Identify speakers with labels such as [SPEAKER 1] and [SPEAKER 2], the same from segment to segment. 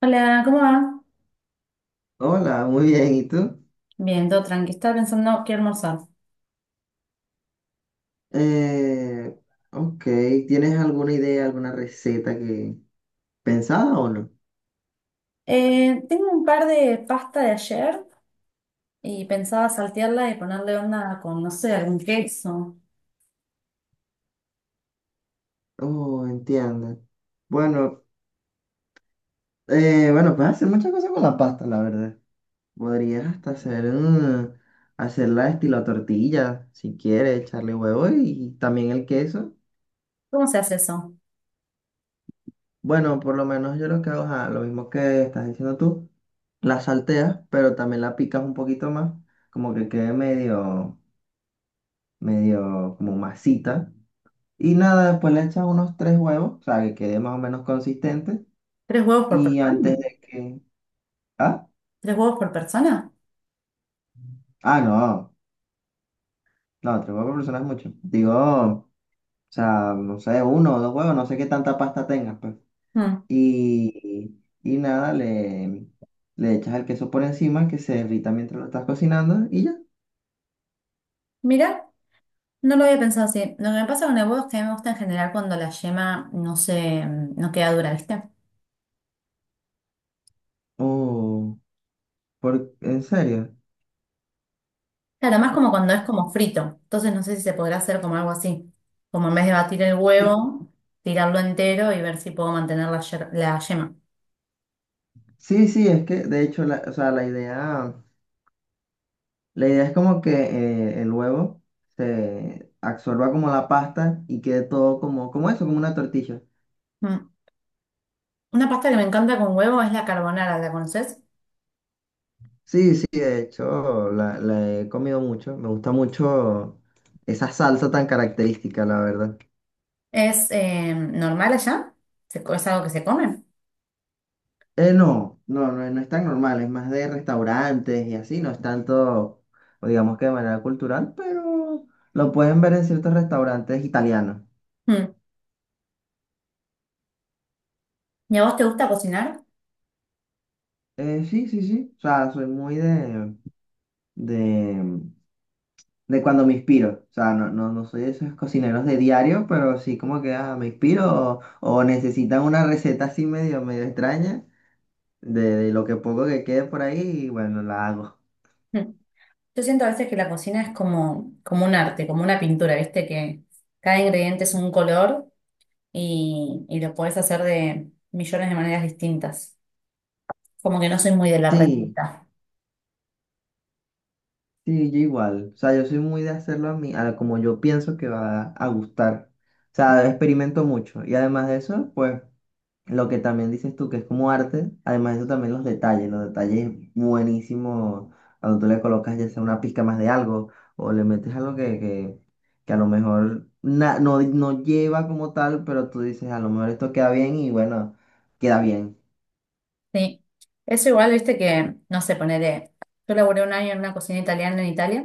[SPEAKER 1] Hola, ¿cómo va?
[SPEAKER 2] Hola, muy bien. ¿Y tú?
[SPEAKER 1] Bien, todo tranqui. Estaba pensando qué almorzar.
[SPEAKER 2] Eh, ok, ¿tienes alguna idea, alguna receta que pensada o no?
[SPEAKER 1] Tengo un par de pasta de ayer y pensaba saltearla y ponerle onda con, no sé, algún queso.
[SPEAKER 2] Oh, entiendo. Bueno, bueno, puedes hacer muchas cosas con la pasta, la verdad. Podrías hasta hacer, hacerla estilo tortilla, si quieres, echarle huevo y también el queso.
[SPEAKER 1] ¿Cómo se hace eso?
[SPEAKER 2] Bueno, por lo menos yo lo que hago es lo mismo que estás diciendo tú. La salteas, pero también la picas un poquito más, como que quede medio, medio como masita. Y nada, después le echas unos tres huevos, o sea, que quede más o menos consistente.
[SPEAKER 1] ¿Tres huevos por
[SPEAKER 2] Y
[SPEAKER 1] persona?
[SPEAKER 2] antes de que... Ah,
[SPEAKER 1] ¿Tres huevos por persona?
[SPEAKER 2] ah, no, no, tres huevos por persona es mucho. Digo, o sea, no sé, uno o dos huevos, no sé qué tanta pasta tengas, pues.
[SPEAKER 1] Hmm.
[SPEAKER 2] Y nada, le echas el queso por encima, que se derrita mientras lo estás cocinando y ya.
[SPEAKER 1] Mira, no lo había pensado así. Lo que me pasa con el huevo es que a mí me gusta en general cuando la yema no queda dura, ¿viste?
[SPEAKER 2] Oh, por, ¿en serio?
[SPEAKER 1] Claro, más como cuando es como frito. Entonces no sé si se podrá hacer como algo así. Como en vez de batir el huevo, tirarlo entero y ver si puedo mantener la, la yema.
[SPEAKER 2] Sí, sí, es que de hecho, o sea, la idea... La idea es como que el huevo se absorba como la pasta y quede todo como, como eso, como una tortilla.
[SPEAKER 1] Mm. Una pasta que me encanta con huevo es la carbonara, ¿la conoces?
[SPEAKER 2] Sí, sí, de hecho la he comido mucho. Me gusta mucho esa salsa tan característica, la verdad.
[SPEAKER 1] ¿Es normal allá? ¿Es algo que se come?
[SPEAKER 2] No, no, no, no es tan normal, es más de restaurantes y así, no es tanto, o digamos que de manera cultural, pero lo pueden ver en ciertos restaurantes italianos.
[SPEAKER 1] Mm. ¿Y a vos te gusta cocinar?
[SPEAKER 2] Sí, sí, sí. O sea, soy muy de, de cuando me inspiro. O sea, no, no, no soy de esos cocineros de diario, pero sí como que me inspiro o necesitan una receta así medio, medio extraña de lo que poco que quede por ahí y bueno, la hago.
[SPEAKER 1] Mm. Yo siento a veces que la cocina es como, como un arte, como una pintura, ¿viste? Que cada ingrediente es un color y lo podés hacer de millones de maneras distintas. Como que no soy muy de la
[SPEAKER 2] Sí,
[SPEAKER 1] receta.
[SPEAKER 2] sí, yo igual. O sea, yo soy muy de hacerlo a mí, a como yo pienso que va a gustar. O sea, experimento mucho. Y además de eso, pues lo que también dices tú, que es como arte, además de eso también los detalles buenísimos, cuando tú le colocas ya sea una pizca más de algo o le metes algo que a lo mejor na- no, no lleva como tal, pero tú dices, a lo mejor esto queda bien y bueno, queda bien.
[SPEAKER 1] Sí. Eso igual, viste que, no sé, ponele. Yo laburé un año en una cocina italiana en Italia,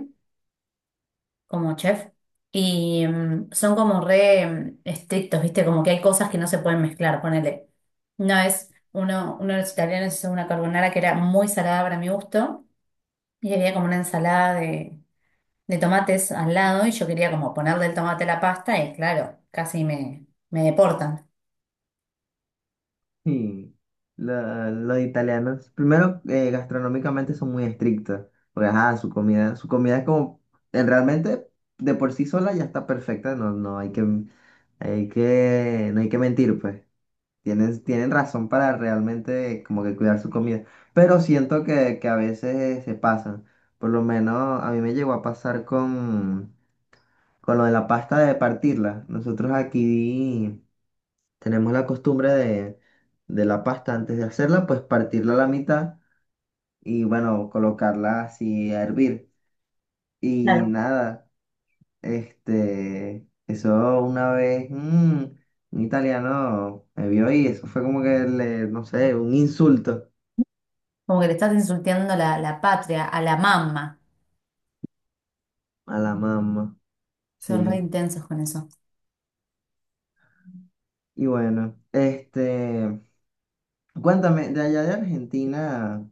[SPEAKER 1] como chef, y son como re estrictos, viste, como que hay cosas que no se pueden mezclar, ponele. Una vez uno de los italianos hizo una carbonara que era muy salada para mi gusto, y había como una ensalada de tomates al lado, y yo quería como ponerle el tomate a la pasta, y claro, casi me deportan.
[SPEAKER 2] Y los italianos, primero, gastronómicamente son muy estrictos, porque ajá, su comida es como, realmente de por sí sola ya está perfecta, no, no hay que... Hay que, no hay que mentir, pues. Tienen, tienen razón para realmente como que cuidar su comida, pero siento que a veces se pasan. Por lo menos a mí me llegó a pasar con lo de la pasta de partirla. Nosotros aquí tenemos la costumbre de la pasta antes de hacerla, pues partirla a la mitad y bueno, colocarla así a hervir. Y
[SPEAKER 1] Claro.
[SPEAKER 2] nada, este, eso una vez, un italiano me vio y eso fue como que le, no sé, un insulto.
[SPEAKER 1] Como que le estás insultando la, la patria, a la mamá.
[SPEAKER 2] A la mamá, sí.
[SPEAKER 1] Son re intensos con eso.
[SPEAKER 2] Y bueno, este, cuéntame, de allá de Argentina,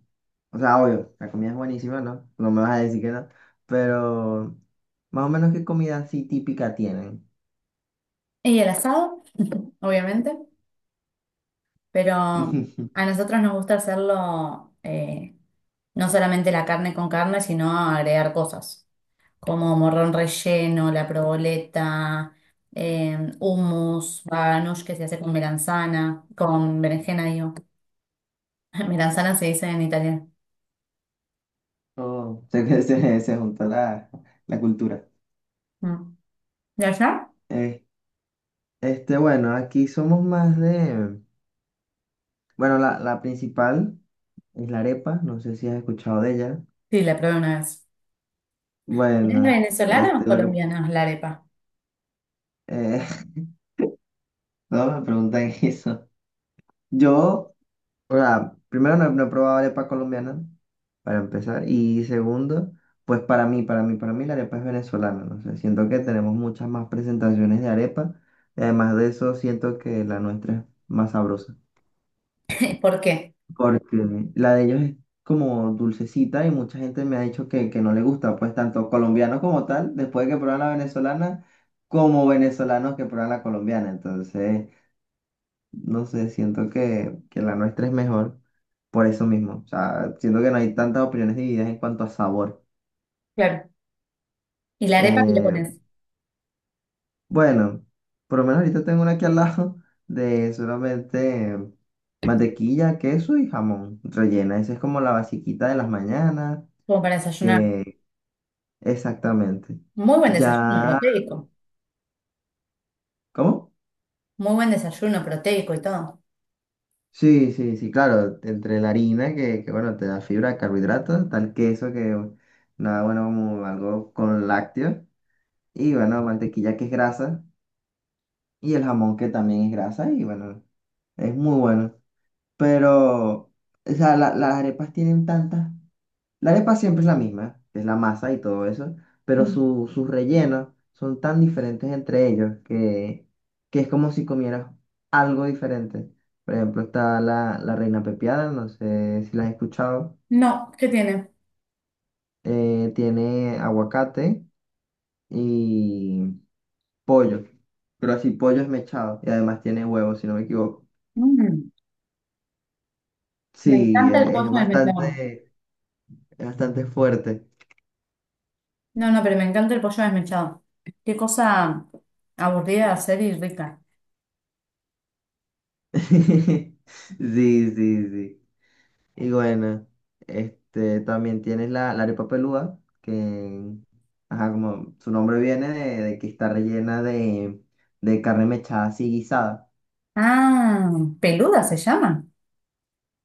[SPEAKER 2] o sea, obvio, la comida es buenísima, ¿no? No me vas a decir que no, pero más o menos qué comida así típica tienen.
[SPEAKER 1] Y el asado, obviamente, pero a nosotros nos gusta hacerlo no solamente la carne con carne, sino agregar cosas como morrón relleno, la proboleta, hummus, baganush que se hace con melanzana, con berenjena, digo. Melanzana se dice en italiano.
[SPEAKER 2] Oh, sé que se juntó la cultura.
[SPEAKER 1] Mm. ¿De allá?
[SPEAKER 2] Eh, este, bueno, aquí somos más de, bueno, la principal es la arepa, no sé si has escuchado de ella.
[SPEAKER 1] Sí, la probé una vez. ¿Es
[SPEAKER 2] Bueno,
[SPEAKER 1] venezolana o
[SPEAKER 2] este, lo que,
[SPEAKER 1] colombiana la arepa?
[SPEAKER 2] eh, no me preguntan eso. Yo... O sea, primero no, he no he probado arepa colombiana, para empezar. Y segundo, pues para mí la arepa es venezolana. No sé, siento que tenemos muchas más presentaciones de arepa. Y además de eso, siento que la nuestra es más sabrosa.
[SPEAKER 1] ¿Por qué?
[SPEAKER 2] Porque la de ellos es como dulcecita y mucha gente me ha dicho que no le gusta. Pues tanto colombianos como tal, después de que prueban la venezolana, como venezolanos que prueban la colombiana. Entonces no sé, siento que la nuestra es mejor por eso mismo. O sea, siento que no hay tantas opiniones divididas en cuanto a sabor.
[SPEAKER 1] Claro. ¿Y la arepa que le
[SPEAKER 2] Eh,
[SPEAKER 1] pones?
[SPEAKER 2] bueno, por lo menos ahorita tengo una aquí al lado de solamente mantequilla, queso y jamón rellena. Esa es como la basiquita de las mañanas,
[SPEAKER 1] Como para desayunar.
[SPEAKER 2] que exactamente.
[SPEAKER 1] Muy buen desayuno
[SPEAKER 2] Ya,
[SPEAKER 1] proteico.
[SPEAKER 2] ¿cómo?
[SPEAKER 1] Muy buen desayuno proteico y todo.
[SPEAKER 2] Sí, sí, sí, claro, entre la harina que bueno, te da fibra, carbohidratos, tal queso que nada bueno como algo con lácteos. Y bueno, mantequilla que es grasa y el jamón que también es grasa y bueno, es muy bueno. Pero, o sea, las arepas tienen tantas... La arepa siempre es la misma, que es la masa y todo eso, pero
[SPEAKER 1] Mm.
[SPEAKER 2] sus rellenos son tan diferentes entre ellos que es como si comieras algo diferente. Por ejemplo, está la reina pepiada, no sé si la has escuchado.
[SPEAKER 1] No, ¿qué tiene?
[SPEAKER 2] Eh, tiene aguacate, pollo, pero así pollo esmechado y además tiene huevo, si no me equivoco.
[SPEAKER 1] Mm, me
[SPEAKER 2] Sí,
[SPEAKER 1] encanta el
[SPEAKER 2] e-
[SPEAKER 1] pollo desmechado.
[SPEAKER 2] es bastante fuerte.
[SPEAKER 1] No, no, pero me encanta el pollo desmechado. Qué cosa aburrida de hacer y rica.
[SPEAKER 2] Sí, sí, sí. Y bueno, este también tienes la arepa pelúa, que ajá, como su nombre viene de que está rellena de carne mechada así guisada.
[SPEAKER 1] Ah, peluda se llama.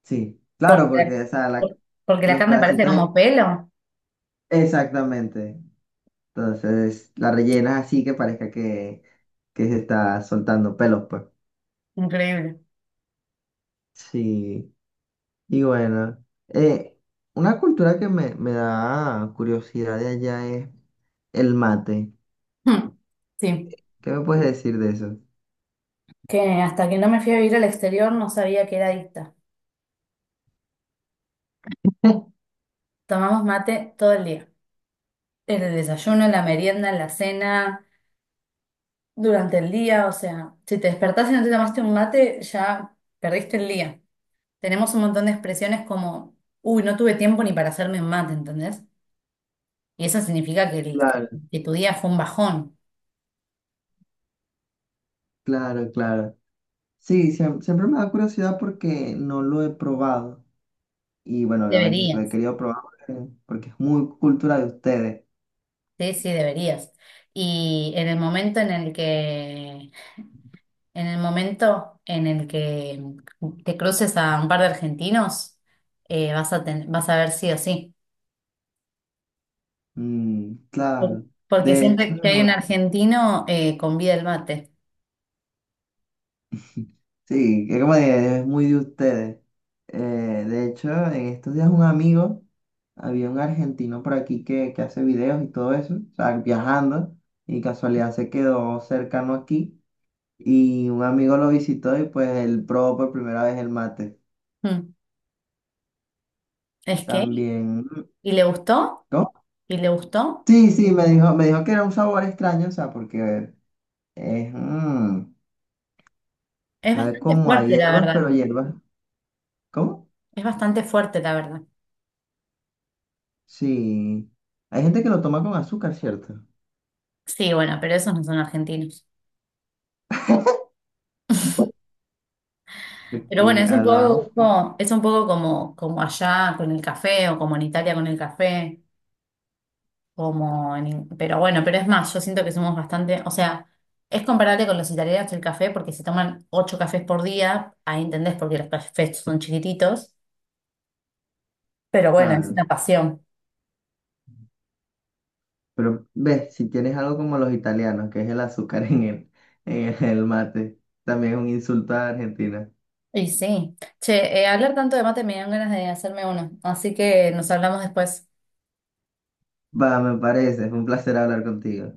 [SPEAKER 2] Sí, claro,
[SPEAKER 1] Porque,
[SPEAKER 2] porque o sea,
[SPEAKER 1] porque la
[SPEAKER 2] los
[SPEAKER 1] carne parece
[SPEAKER 2] pedacitos
[SPEAKER 1] como
[SPEAKER 2] de-
[SPEAKER 1] pelo.
[SPEAKER 2] exactamente. Entonces la rellenas así que parezca que se está soltando pelos, pues.
[SPEAKER 1] Increíble.
[SPEAKER 2] Sí, y bueno, eh, una cultura que me da curiosidad de allá es el mate.
[SPEAKER 1] Mm. Sí,
[SPEAKER 2] ¿Qué me puedes decir de eso?
[SPEAKER 1] que hasta que no me fui a vivir al exterior no sabía que era adicta. Tomamos mate todo el día. En el desayuno, en la merienda, en la cena. Durante el día, o sea, si te despertás y no te tomaste un mate, ya perdiste el día. Tenemos un montón de expresiones como, uy, no tuve tiempo ni para hacerme un mate, ¿entendés? Y eso significa que,
[SPEAKER 2] Claro,
[SPEAKER 1] que tu día fue un bajón.
[SPEAKER 2] claro, claro. Sí, siem- siempre me da curiosidad porque no lo he probado. Y bueno, obviamente lo
[SPEAKER 1] Deberías,
[SPEAKER 2] he querido probar porque, porque es muy cultura de ustedes.
[SPEAKER 1] sí, sí, deberías. Y en el momento en el que, en el momento en el que te cruces a un par de argentinos, vas a vas a ver sí o sí.
[SPEAKER 2] Mm, claro.
[SPEAKER 1] Porque
[SPEAKER 2] De hecho.
[SPEAKER 1] siempre que hay un argentino, convida el mate.
[SPEAKER 2] Sí, que como de- es muy de ustedes. Eh, de hecho, en estos días un amigo, había un argentino por aquí que hace videos y todo eso, o sea, viajando, y casualidad se quedó cercano aquí, y un amigo lo visitó y pues él probó por primera vez el mate.
[SPEAKER 1] Mm. Es que,
[SPEAKER 2] También,
[SPEAKER 1] y le gustó,
[SPEAKER 2] ¿no?
[SPEAKER 1] y le gustó.
[SPEAKER 2] Sí, sí, me dijo que era un sabor extraño, o sea, porque es,
[SPEAKER 1] Es
[SPEAKER 2] sabe
[SPEAKER 1] bastante
[SPEAKER 2] como a
[SPEAKER 1] fuerte, la
[SPEAKER 2] hierbas,
[SPEAKER 1] verdad.
[SPEAKER 2] pero hierbas, ¿cómo?
[SPEAKER 1] Es bastante fuerte, la verdad.
[SPEAKER 2] Sí, hay gente que lo toma con azúcar, ¿cierto?
[SPEAKER 1] Sí, bueno, pero esos no son argentinos.
[SPEAKER 2] De
[SPEAKER 1] Pero bueno,
[SPEAKER 2] que
[SPEAKER 1] es un
[SPEAKER 2] hablamos, fu-
[SPEAKER 1] poco, es un poco como, como allá con el café, o como en Italia con el café, como pero bueno, pero es más, yo siento que somos bastante, o sea, es comparable con los italianos el café, porque se toman ocho cafés por día, ahí entendés porque los cafés son chiquititos, pero bueno, es
[SPEAKER 2] claro,
[SPEAKER 1] una pasión.
[SPEAKER 2] pero ves, si tienes algo como los italianos, que es el azúcar en el mate, también es un insulto a Argentina.
[SPEAKER 1] Y sí. Che, hablar tanto de mate me dan ganas de hacerme uno, así que nos hablamos después.
[SPEAKER 2] Va, me parece, fue un placer hablar contigo.